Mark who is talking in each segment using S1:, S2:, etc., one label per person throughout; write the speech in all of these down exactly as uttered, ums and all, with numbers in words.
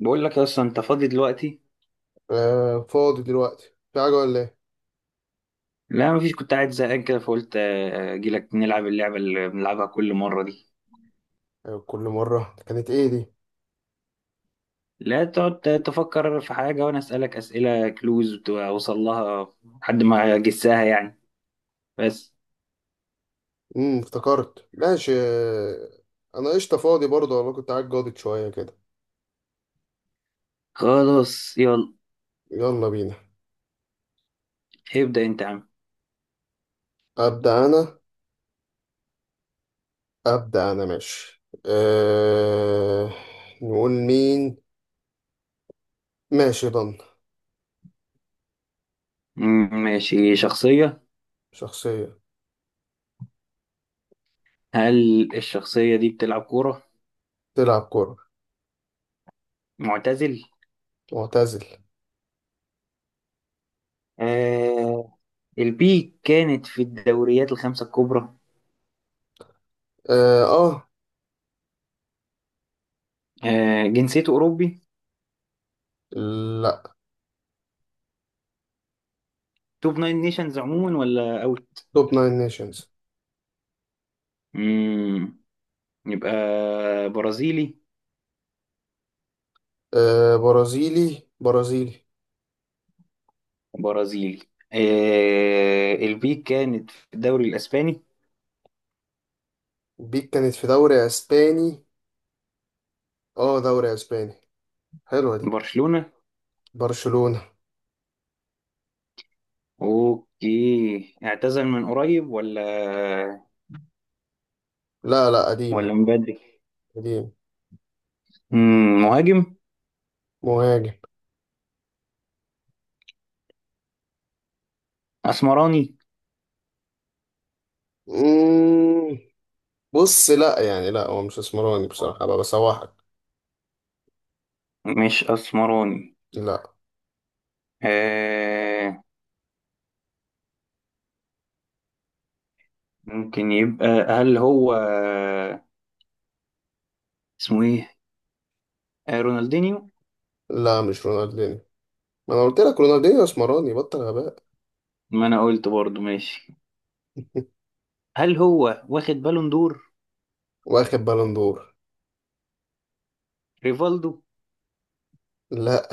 S1: بقول لك يا اسطى، انت فاضي دلوقتي؟
S2: آه، فاضي دلوقتي. في حاجة ولا ايه؟
S1: لا مفيش، كنت قاعد زهقان كده فقلت آه، اجي لك نلعب اللعبه اللي بنلعبها كل مره دي.
S2: أيوة، كل مرة كانت ايه دي؟
S1: لا، تقعد تفكر في حاجه وانا اسالك اسئله كلوز اوصل لها. لحد ما اجسها يعني. بس.
S2: امم افتكرت ماشي آه، انا قشطة، فاضي برضه والله، كنت قاعد جاضد شوية كده.
S1: خلاص يلا.
S2: يلا بينا.
S1: ابدا انت يا عم.
S2: أبدأ أنا. أبدأ أنا ماشي أه... نقول مين. ماشي ضن.
S1: مم، ماشي، شخصيه.
S2: شخصية.
S1: هل الشخصيه دي بتلعب كوره؟
S2: تلعب كورة.
S1: معتزل؟
S2: معتزل.
S1: آه. البيك كانت في الدوريات الخمسه الكبرى؟
S2: اه. آه.
S1: آه، جنسيته اوروبي؟
S2: لا.
S1: توب ناين نيشنز عموما ولا اوت؟
S2: توب ناين نيشنز.
S1: يبقى برازيلي؟
S2: أه... برازيلي برازيلي.
S1: برازيلي. آه، البيك كانت في الدوري الاسباني؟
S2: بيك كانت في دوري اسباني. اه، دوري اسباني. حلوة دي.
S1: برشلونة؟
S2: برشلونة.
S1: اوكي، اعتزل من قريب ولا
S2: لا لا، قديمة.
S1: ولا من بدري؟
S2: قديم.
S1: مم، مهاجم؟
S2: مهاجم.
S1: اسمراني؟
S2: مم. بص، لا يعني لا، هو مش اسمراني بصراحة، أبقى بسوحك.
S1: مش اسمراني.
S2: لا.
S1: آه. ممكن يبقى. هل هو اسمه ايه؟ آه، رونالدينيو؟
S2: لا مش رونالدينيو. ما أنا قلت لك رونالدينيو اسمراني، بطل غباء.
S1: ما انا قلت برضو، ماشي. هل هو واخد بالون دور؟
S2: واخد بالون دور.
S1: ريفالدو؟
S2: لا.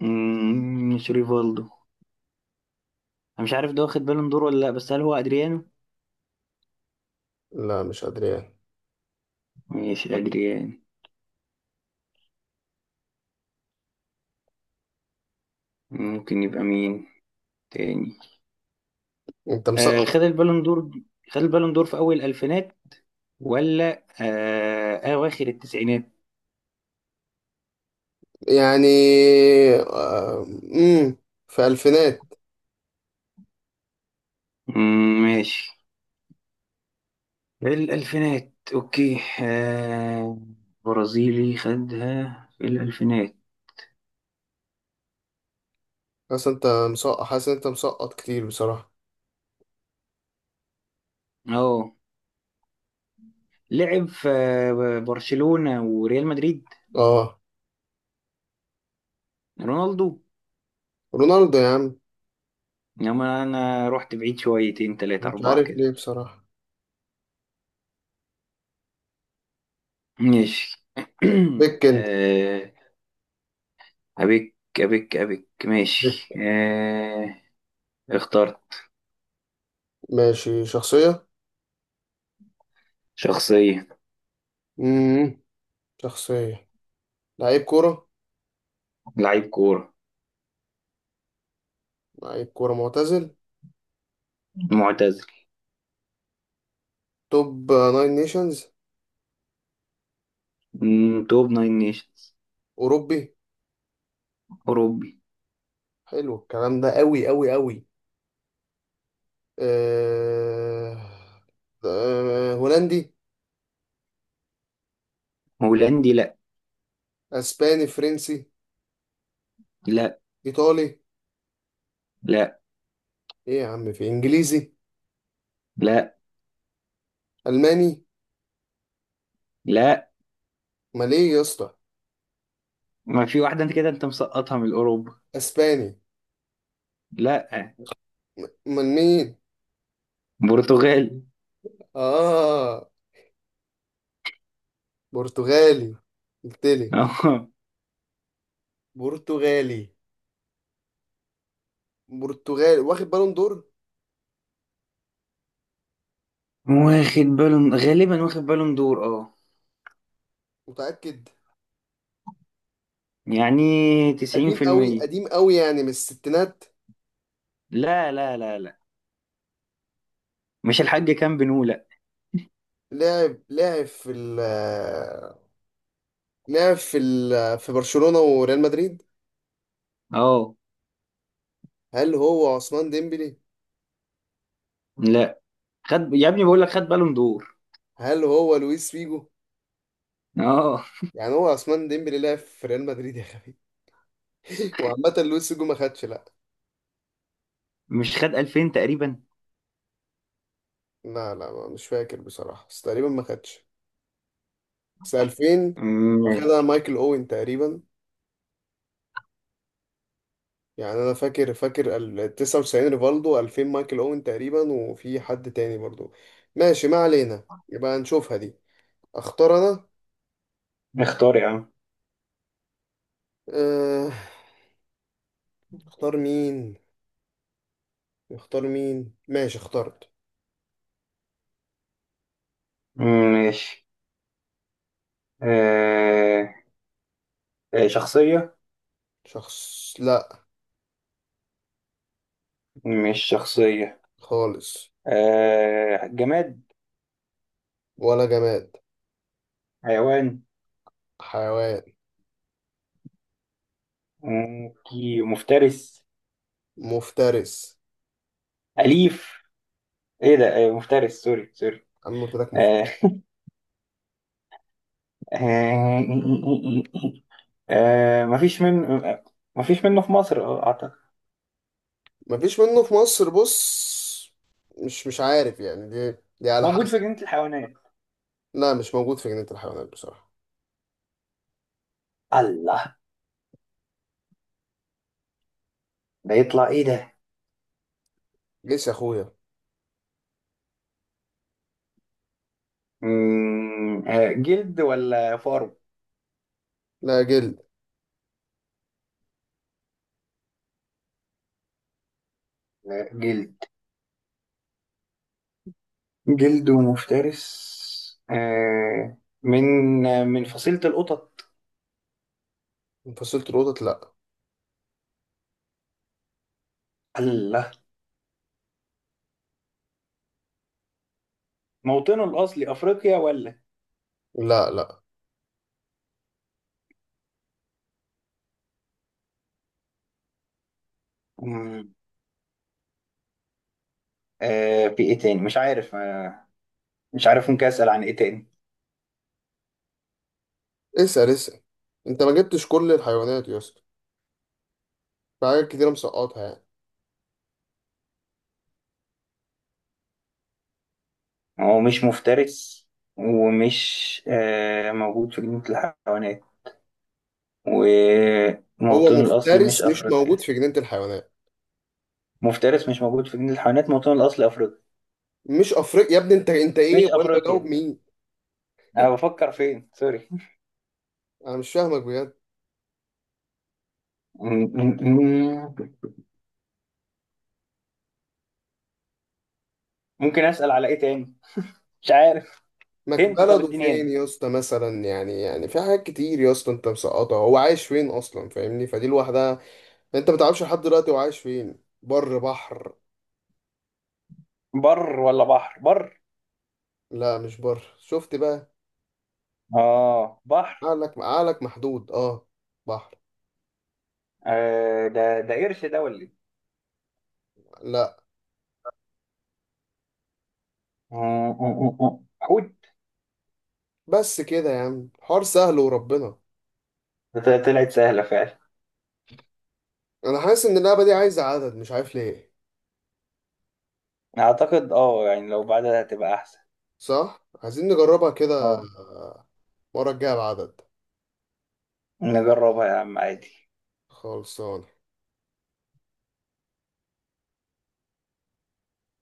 S1: مم، مش ريفالدو. انا مش عارف ده واخد بالون دور ولا لا، بس هل هو ادريانو؟
S2: لا مش أدريان.
S1: ماشي ادريانو. ممكن يبقى مين تاني؟
S2: أنت
S1: آه،
S2: مسقط.
S1: خد البالون دور. خد البالون دور في اول الالفينات ولا آه اواخر التسعينات؟
S2: يعني آه، مم. في ألفينات.
S1: مم، ماشي. الالفينات، اوكي. آه. برازيلي خدها في الالفينات.
S2: حاسس أنت مسقط حاسس أنت مسقط كتير بصراحة.
S1: اه. لعب في آه، برشلونة وريال مدريد؟
S2: أه.
S1: رونالدو؟
S2: رونالدو يا عم.
S1: انما انا رحت بعيد شويتين تلاتة
S2: مش
S1: اربعة
S2: عارف
S1: كده.
S2: ليه بصراحة.
S1: ماشي.
S2: بيك أنت.
S1: آه. أبيك أبيك أبيك. ماشي.
S2: بيك.
S1: آه... اخترت.
S2: ماشي شخصية.
S1: شخصية.
S2: امم شخصية. لعيب كورة.
S1: لعيب كورة.
S2: لعيب كورة معتزل.
S1: معتزل.
S2: توب ناين نيشنز.
S1: مم، توب ناين نيشنز.
S2: أوروبي.
S1: أوروبي.
S2: حلو الكلام ده أوي أوي أوي. أه... أه... هولندي.
S1: هولندي؟ لأ.
S2: أسباني، فرنسي.
S1: لأ.
S2: إيطالي.
S1: لأ.
S2: إيه يا عم، في إنجليزي.
S1: لأ.
S2: ألماني.
S1: لأ.
S2: أمال إيه يا اسطى.
S1: ما في واحدة، أنت كده أنت مسقطها من أوروبا.
S2: أسباني.
S1: لأ.
S2: م- أمال مين.
S1: برتغالي.
S2: آه، برتغالي. قلتلي.
S1: أه.
S2: برتغالي. برتغالي واخد بالون دور.
S1: واخد بالون، غالبا واخد بالون دور، أه.
S2: متأكد.
S1: يعني تسعين
S2: قديم
S1: في
S2: أوي
S1: المية.
S2: قديم أوي، يعني من الستينات.
S1: لا، لا، لا، لا. مش الحاج كان بنو، لأ.
S2: لعب لعب في ال. لعب في ال في برشلونة وريال مدريد.
S1: أه.
S2: هل هو عثمان ديمبلي.
S1: لأ. خد يا ابني، بقول لك خد بالون دور.
S2: هل هو لويس فيجو.
S1: أه.
S2: يعني هو عثمان ديمبلي لعب في ريال مدريد يا خبيث. وعامة لويس فيجو ما خدش، لا.
S1: مش خد ألفين تقريبا؟
S2: لا لا، ما- مش فاكر بصراحة، بس تقريبا ما خدش. بس ألفين. واخدها
S1: ماشي.
S2: مايكل اوين تقريبا. يعني انا فاكر فاكر ال التسعة وتسعين ريفالدو، ألفين مايكل اوين تقريبا، وفي حد تاني برضو. ماشي ما علينا، يبقى نشوفها دي. اختار انا.
S1: اختار يا عم.
S2: أه اختار مين. اختار مين ماشي اخترت.
S1: ماشي. آه... آه، شخصية.
S2: شخص. لا.
S1: مش شخصية؟
S2: خالص.
S1: آه... جماد؟
S2: ولا جماد.
S1: حيوان؟
S2: حيوان.
S1: مم، كي- مفترس؟
S2: مفترس.
S1: أليف؟ إيه ده! آه، مفترس، سوري سوري.
S2: انا قلت لك
S1: آه...
S2: مفترس.
S1: آه... آه... مفيش من مفيش منه في مصر، آه، أعتقد.
S2: مفيش منه في مصر، بص. مش مش عارف، يعني دي دي على
S1: موجود في
S2: حسب.
S1: جنينة الحيوانات؟
S2: لا مش موجود في جنينة الحيوانات بصراحة.
S1: الله. ده يطلع إيه ده؟
S2: جيس يا اخويا.
S1: مم، آه، جلد ولا فارو؟
S2: لا جلد.
S1: لا، جلد. جلد مفترس، آه من من فصيلة القطط؟
S2: فصيلة القطط، لا.
S1: الله. موطنه الأصلي أفريقيا ولا؟
S2: لا لا.
S1: مم، آه في إيه تاني، مش عارف. آه مش عارف، ممكن أسأل عن إيه تاني؟
S2: اسأل اسأل. انت ما جبتش كل الحيوانات يا اسطى. في حاجات كتيرة مسقطها يعني.
S1: هو مش مفترس، ومش آه موجود في جنينة الحيوانات،
S2: هو
S1: وموطنه الأصلي مش
S2: مفترس، مش موجود
S1: أفريقيا؟
S2: في جنينة الحيوانات.
S1: مفترس، مش موجود في جنينة الحيوانات، موطنه الأصلي أفريقيا؟
S2: مش افريقيا يا ابني، انت انت ايه
S1: مش
S2: وانا بجاوب
S1: أفريقيا.
S2: مين.
S1: أنا بفكر فين، سوري.
S2: انا مش فاهمك بجد.
S1: مم، مم، مم. ممكن أسأل على إيه تاني؟ مش عارف.
S2: ما ك-
S1: هنت، طب
S2: بلده
S1: اديني
S2: فين
S1: هنت.
S2: يا اسطى، مثلا يعني يعني في حاجات كتير يا اسطى انت مسقطها. هو عايش فين اصلا، فاهمني؟ فدي لوحدها. انت ما تعرفش لحد دلوقتي هو عايش فين، بر بحر؟
S1: بر ولا بحر؟ بر.
S2: لا مش بر، شفت بقى.
S1: اه، بحر.
S2: عقلك عقلك محدود، اه. بحر.
S1: آه، ده ده قرش ده ولا ايه؟
S2: لا.
S1: آه، آه، آه، آه. حوت.
S2: بس كده يا عم، حوار سهل وربنا.
S1: ده طلعت سهلة فعلا.
S2: انا حاسس ان اللعبه دي عايزه عدد، مش عارف ليه.
S1: اعتقد اه، يعني لو بعدها هتبقى احسن.
S2: صح، عايزين نجربها كده.
S1: اه.
S2: المره الجايه بعدد.
S1: نجربها يا عم عادي.
S2: خلصان.